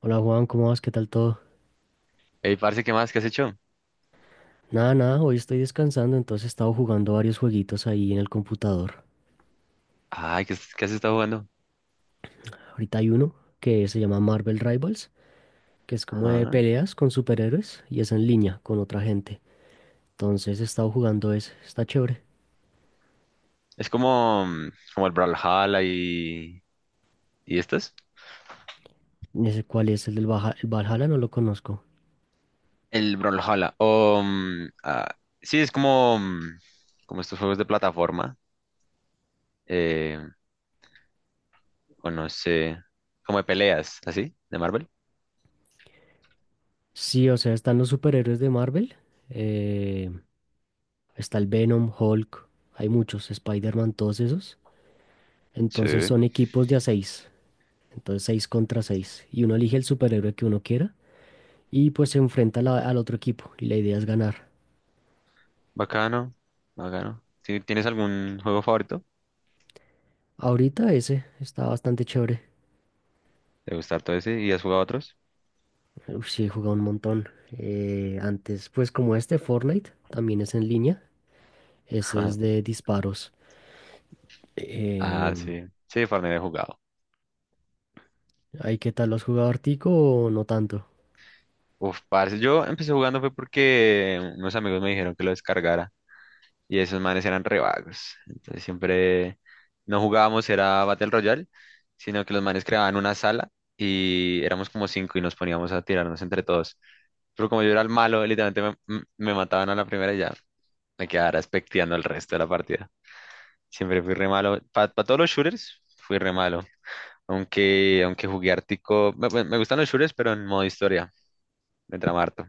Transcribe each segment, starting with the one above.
Hola Juan, ¿cómo vas? ¿Qué tal todo? Ey, parce, ¿qué más? ¿Qué has hecho? Nada, nada, hoy estoy descansando, entonces he estado jugando varios jueguitos ahí en el computador. Ay, ¿ qué has estado jugando? Ahorita hay uno que se llama Marvel Rivals, que es como de Ajá. peleas con superhéroes y es en línea con otra gente. Entonces he estado jugando ese, está chévere. Es como, como el Brawlhalla y... ¿Y estos? Ese cuál es el del el Valhalla, no lo conozco. El Brawlhalla. O, sí, es como, como estos juegos de plataforma. eh, o no sé. Como de peleas, ¿así? ¿De Marvel? Sí, o sea, están los superhéroes de Marvel, eh, está el Venom, Hulk, hay muchos, Spider-Man, todos esos. Entonces Sí. son equipos de a seis. Entonces 6 contra 6 y uno elige el superhéroe que uno quiera y pues se enfrenta a al otro equipo. Y la idea es ganar. Bacano. Bacano. ¿Tienes algún juego favorito? Ahorita ese está bastante chévere. ¿Te gusta todo ese? ¿Y has jugado otros? Uf, sí, he jugado un montón. Antes, pues como este Fortnite, también es en línea. Ese es de disparos. Ah, Em, sí. Sí, Fortnite he jugado. ¿Ahí qué tal? ¿Lo has jugado Artico o no tanto? Uf, parce, yo empecé jugando fue porque unos amigos me dijeron que lo descargara y esos manes eran re vagos. Entonces siempre no jugábamos, era Battle Royale, sino que los manes creaban una sala y éramos como cinco y nos poníamos a tirarnos entre todos. Pero como yo era el malo, literalmente me mataban a la primera y ya me quedara expecteando el resto de la partida. Siempre fui re malo. Para todos los shooters, fui re malo. Aunque jugué Ártico, me gustan los shooters, pero en modo historia, me trama harto.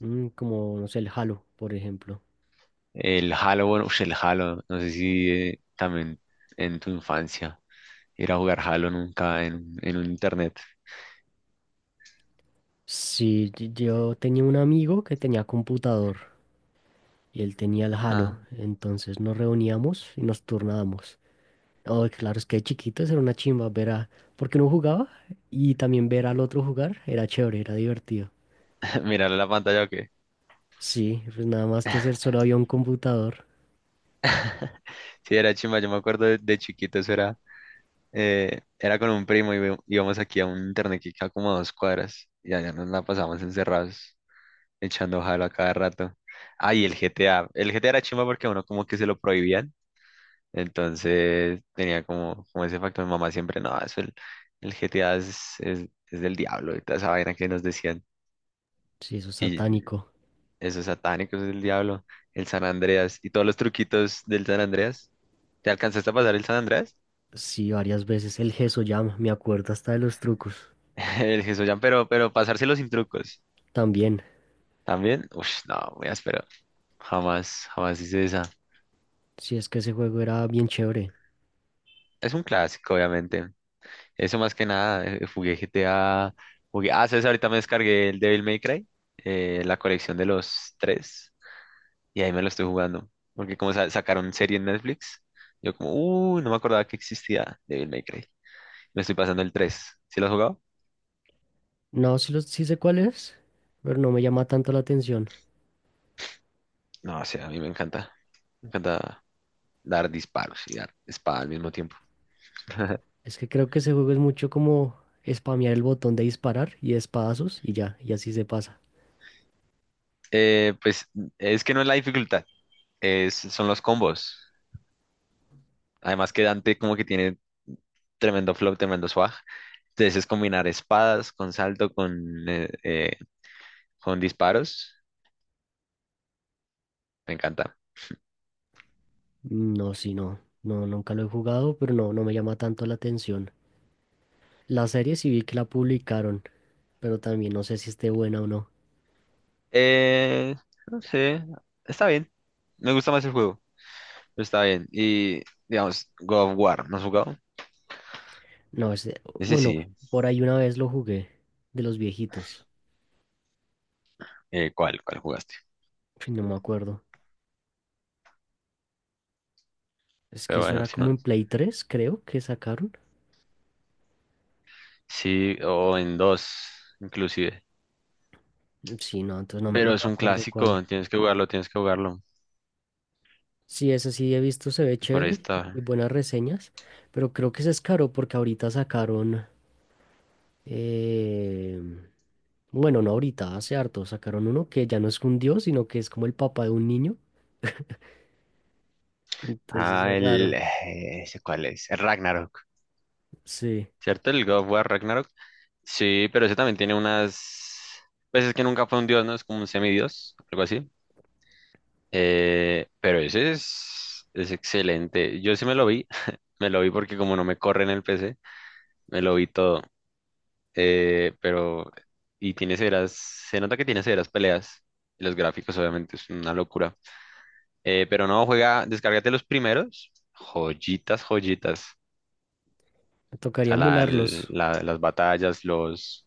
Mm, como, no sé, el Halo, por ejemplo. El Halo, bueno, ush, el Halo, no sé si también en tu infancia ir a jugar Halo nunca en un internet. Sí, yo tenía un amigo que tenía computador y él tenía el Halo. Ah, Entonces nos reuníamos y nos turnábamos. Oh, claro, es que de chiquitos era una chimba ver a... Porque uno jugaba y también ver al otro jugar era chévere, era divertido. mirar la pantalla o qué. Sí, pues nada más que hacer, solo había un computador. Sí, era chimba, yo me acuerdo de chiquito, eso era, era con un primo y íbamos aquí a un internet que queda como a 2 cuadras y allá nos la pasábamos encerrados echando Halo a cada rato. Ay, el GTA, el GTA era chimba porque a uno como que se lo prohibían. Entonces tenía como ese factor. Mi mamá siempre, no, eso el GTA es del diablo y toda esa vaina que nos decían. Sí, eso es Y satánico. esos satánicos es del diablo. El San Andreas y todos los truquitos del San Andreas. ¿Te alcanzaste a pasar el San Andreas? Sí, varias veces el Llama, me acuerdo hasta de los trucos. El Jesús pero pasárselo sin trucos. También, También, uff, no, muy áspero. Jamás, jamás hice esa. sí, es que ese juego era bien chévere. Es un clásico, obviamente. Eso más que nada, jugué GTA, jugué, ah, ¿sabes? Ahorita me descargué el Devil May Cry, la colección de los tres, y ahí me lo estoy jugando, porque como sacaron serie en Netflix, yo como, no me acordaba que existía Devil May Cry. Me estoy pasando el tres, ¿sí lo has jugado? No, sí, sí sé cuál es, pero no me llama tanto la atención. No, o sea, a mí me encanta dar disparos y dar espada al mismo tiempo. Es que creo que ese juego es mucho como spamear el botón de disparar y espadazos y ya, y así se pasa. Pues es que no es la dificultad, es, son los combos. Además que Dante como que tiene tremendo flow, tremendo swag. Entonces es combinar espadas con salto, con disparos. Me encanta. No, sí, no. No, nunca lo he jugado, pero no, no me llama tanto la atención. La serie sí vi que la publicaron, pero también no sé si esté buena o no. Eh, no sé, está bien. Me gusta más el juego, pero está bien. Y, digamos, God of War, ¿no has jugado? No, Ese bueno, sí. por ahí una vez lo jugué, de los viejitos. ¿cuál? ¿Cuál jugaste? Ay, no me acuerdo. Es que Pero eso bueno, era si no, como en Play tres creo, que sacaron. sí, o en dos, inclusive. Mm, sí, no, entonces no, Pero no me es un acuerdo cuál. clásico, tienes que jugarlo, tienes que jugarlo. Sí, ese sí he visto, se ve Por chévere y esta. buenas reseñas, pero creo que se es caro porque ahorita sacaron... em, Bueno, no ahorita, hace harto sacaron uno que ya no es un dios, sino que es como el papá de un niño. Entonces Ah, es el. raro. ¿Ese cuál es? El Ragnarok. Sí, ¿Cierto? El God of War Ragnarok. Sí, pero ese también tiene unas... Pues es que nunca fue un dios, ¿no? Es como un semidios, algo así. Pero ese es excelente. Yo sí me lo vi, me lo vi porque como no me corre en el PC, me lo vi todo. Pero... Y tiene severas... Se nota que tiene severas peleas. Y los gráficos obviamente es una locura. Pero no, juega, descárgate los primeros. Joyitas, joyitas. me O tocaría sea, emularlos. Las batallas, los...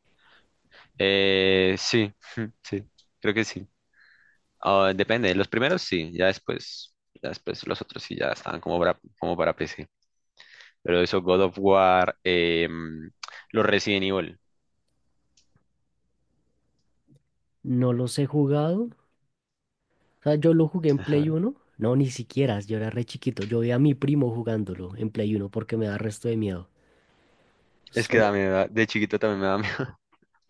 sí, sí, creo que sí. Ah, depende, los primeros sí, ya después los otros sí ya estaban como para PC. Pero eso, God of War, los Resident Evil. No los he jugado. O sea, yo lo jugué en Ajá. Play Uno. No, ni siquiera, yo era re chiquito. Yo veía a mi primo jugándolo en Play Uno porque me da resto de miedo. Es que Solo, da miedo, de chiquito también me da miedo.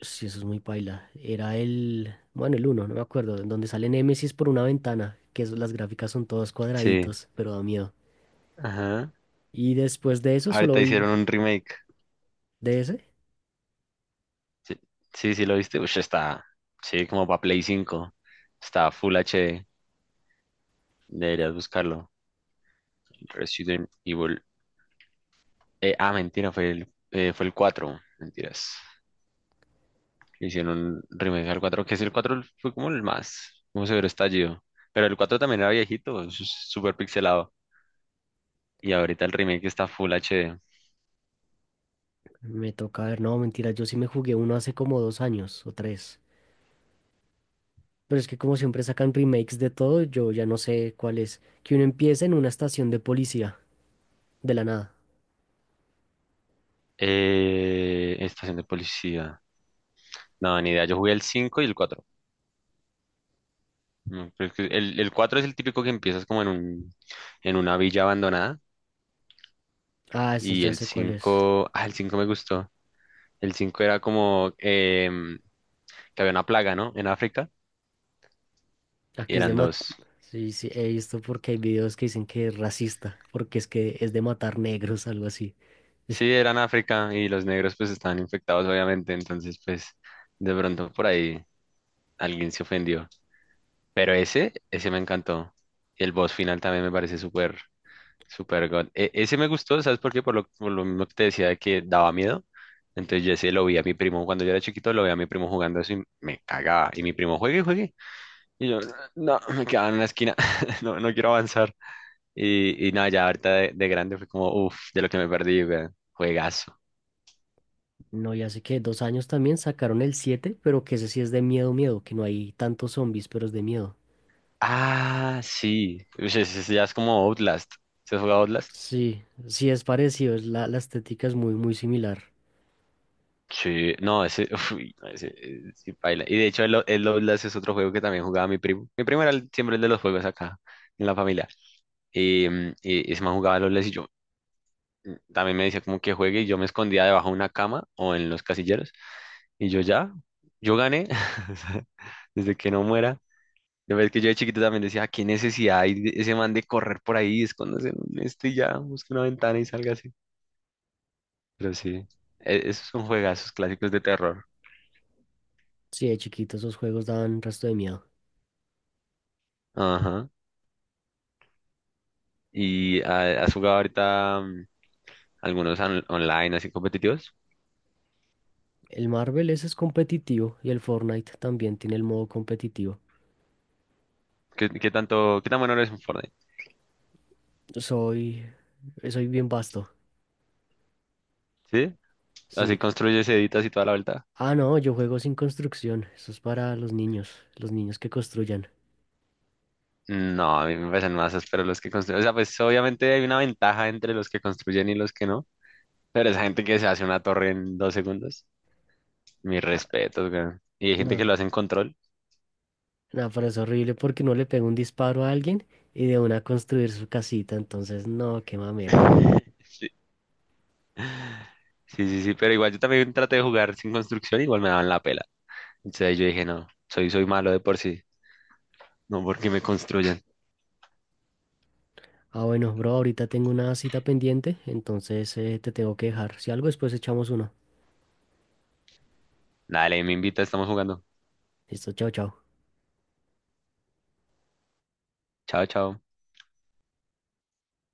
sí, eso es muy paila. Era bueno, el uno. No me acuerdo, en donde sale Nemesis por una ventana, que las gráficas son todos Sí. cuadraditos, pero da miedo. Ajá. Y después de eso solo Ahorita hicieron vi un remake. DS. Sí, sí, sí, lo viste. Ush, está, sí, como para Play 5. Está Full HD. Deberías buscarlo. Resident Evil. Ah, mentira, fue fue el cuatro. Mentiras. Hicieron un remake al 4 que es el 4 fue como el más, como severo estallido. Pero el 4 también era viejito, súper pixelado. Y ahorita el remake está Full HD. Me toca ver, no, mentira, yo sí me jugué uno hace como dos años o tres. Pero es que como siempre sacan remakes de todo, yo ya no sé cuál es. Que uno empieza en una estación de policía, de la nada. Estación de policía. No, ni idea. Yo jugué el 5 y el cuatro. No, pero es que el 4 es el típico que empiezas como en una villa abandonada. Ah, ese Y ya el sé cuál es. 5 el 5 me gustó. El 5 era como que había una plaga, ¿no? En África. Ah, Y que es de eran mat. dos. Sí, sí, he visto porque hay videos que dicen que es racista, porque es que es de matar negros, algo así. Sí, eran África y los negros pues estaban infectados obviamente, entonces pues de pronto por ahí alguien se ofendió. Pero ese me encantó. Y el boss final también me parece súper, súper god. Ese me gustó, ¿sabes por qué? Por lo mismo que te decía de que daba miedo. Entonces yo ese lo vi a mi primo, cuando yo era chiquito lo vi a mi primo jugando eso y me cagaba. Y mi primo, juegue, juegue. Y yo, no, me quedaba en una esquina, no, no quiero avanzar. Y nada, ya ahorita de grande fue como, uff, de lo que me perdí, weón. Juegazo. No, ya sé que dos años también sacaron el siete, pero que ese sí es de miedo, miedo, que no hay tantos zombies, pero es de miedo. Ah, sí. Uy, ese ya es como Outlast. ¿Se has jugado Outlast? Sí, sí es parecido, es la estética es muy, muy similar. Sí, no, ese, uy, no, ese, sí, paila. Y de hecho, el Outlast es otro juego que también jugaba mi primo. Mi primo era siempre el de los juegos acá, en la familia. Y, y ese man jugaba el Outlast y yo también me decía como que juegue y yo me escondía debajo de una cama o en los casilleros. Y yo ya, yo gané. O sea, desde que no muera. De verdad que yo de chiquito también decía: "Ah, ¿qué necesidad hay de ese man de correr por ahí, esconderse en un este y ya, busque una ventana y salga?" Pero sí, esos son juegazos clásicos de terror. Sí, de chiquito esos juegos dan resto de miedo. Ajá. ¿Y has jugado ahorita algunos online así competitivos? El Marvel ese es competitivo y el Fortnite también tiene el modo competitivo. ¿ Qué tan bueno eres en Fortnite? Soy, soy bien vasto. ¿Sí? Así Sí. construyes, editas y toda la vuelta. Ah, no, yo juego sin construcción. Eso es para los niños que construyan. No, a mí me parecen masas, pero los que construyen, o sea, pues obviamente hay una ventaja entre los que construyen y los que no, pero esa gente que se hace una torre en 2 segundos, mis Ah, respetos, weón. Y hay gente que no, lo hace en control. no, pero es horrible porque no le pega un disparo a alguien y de una construir su casita. Entonces, no, qué mamera. Sí. Sí, sí, sí, pero igual yo también traté de jugar sin construcción, igual me daban la pela. Entonces yo dije, no, soy malo de por sí, no porque me construyan. Ah, bueno, bro, ahorita tengo una cita pendiente, entonces te tengo que dejar. Si algo, después echamos uno. Dale, me invita, estamos jugando. Listo, chao, chao. Chao, chao.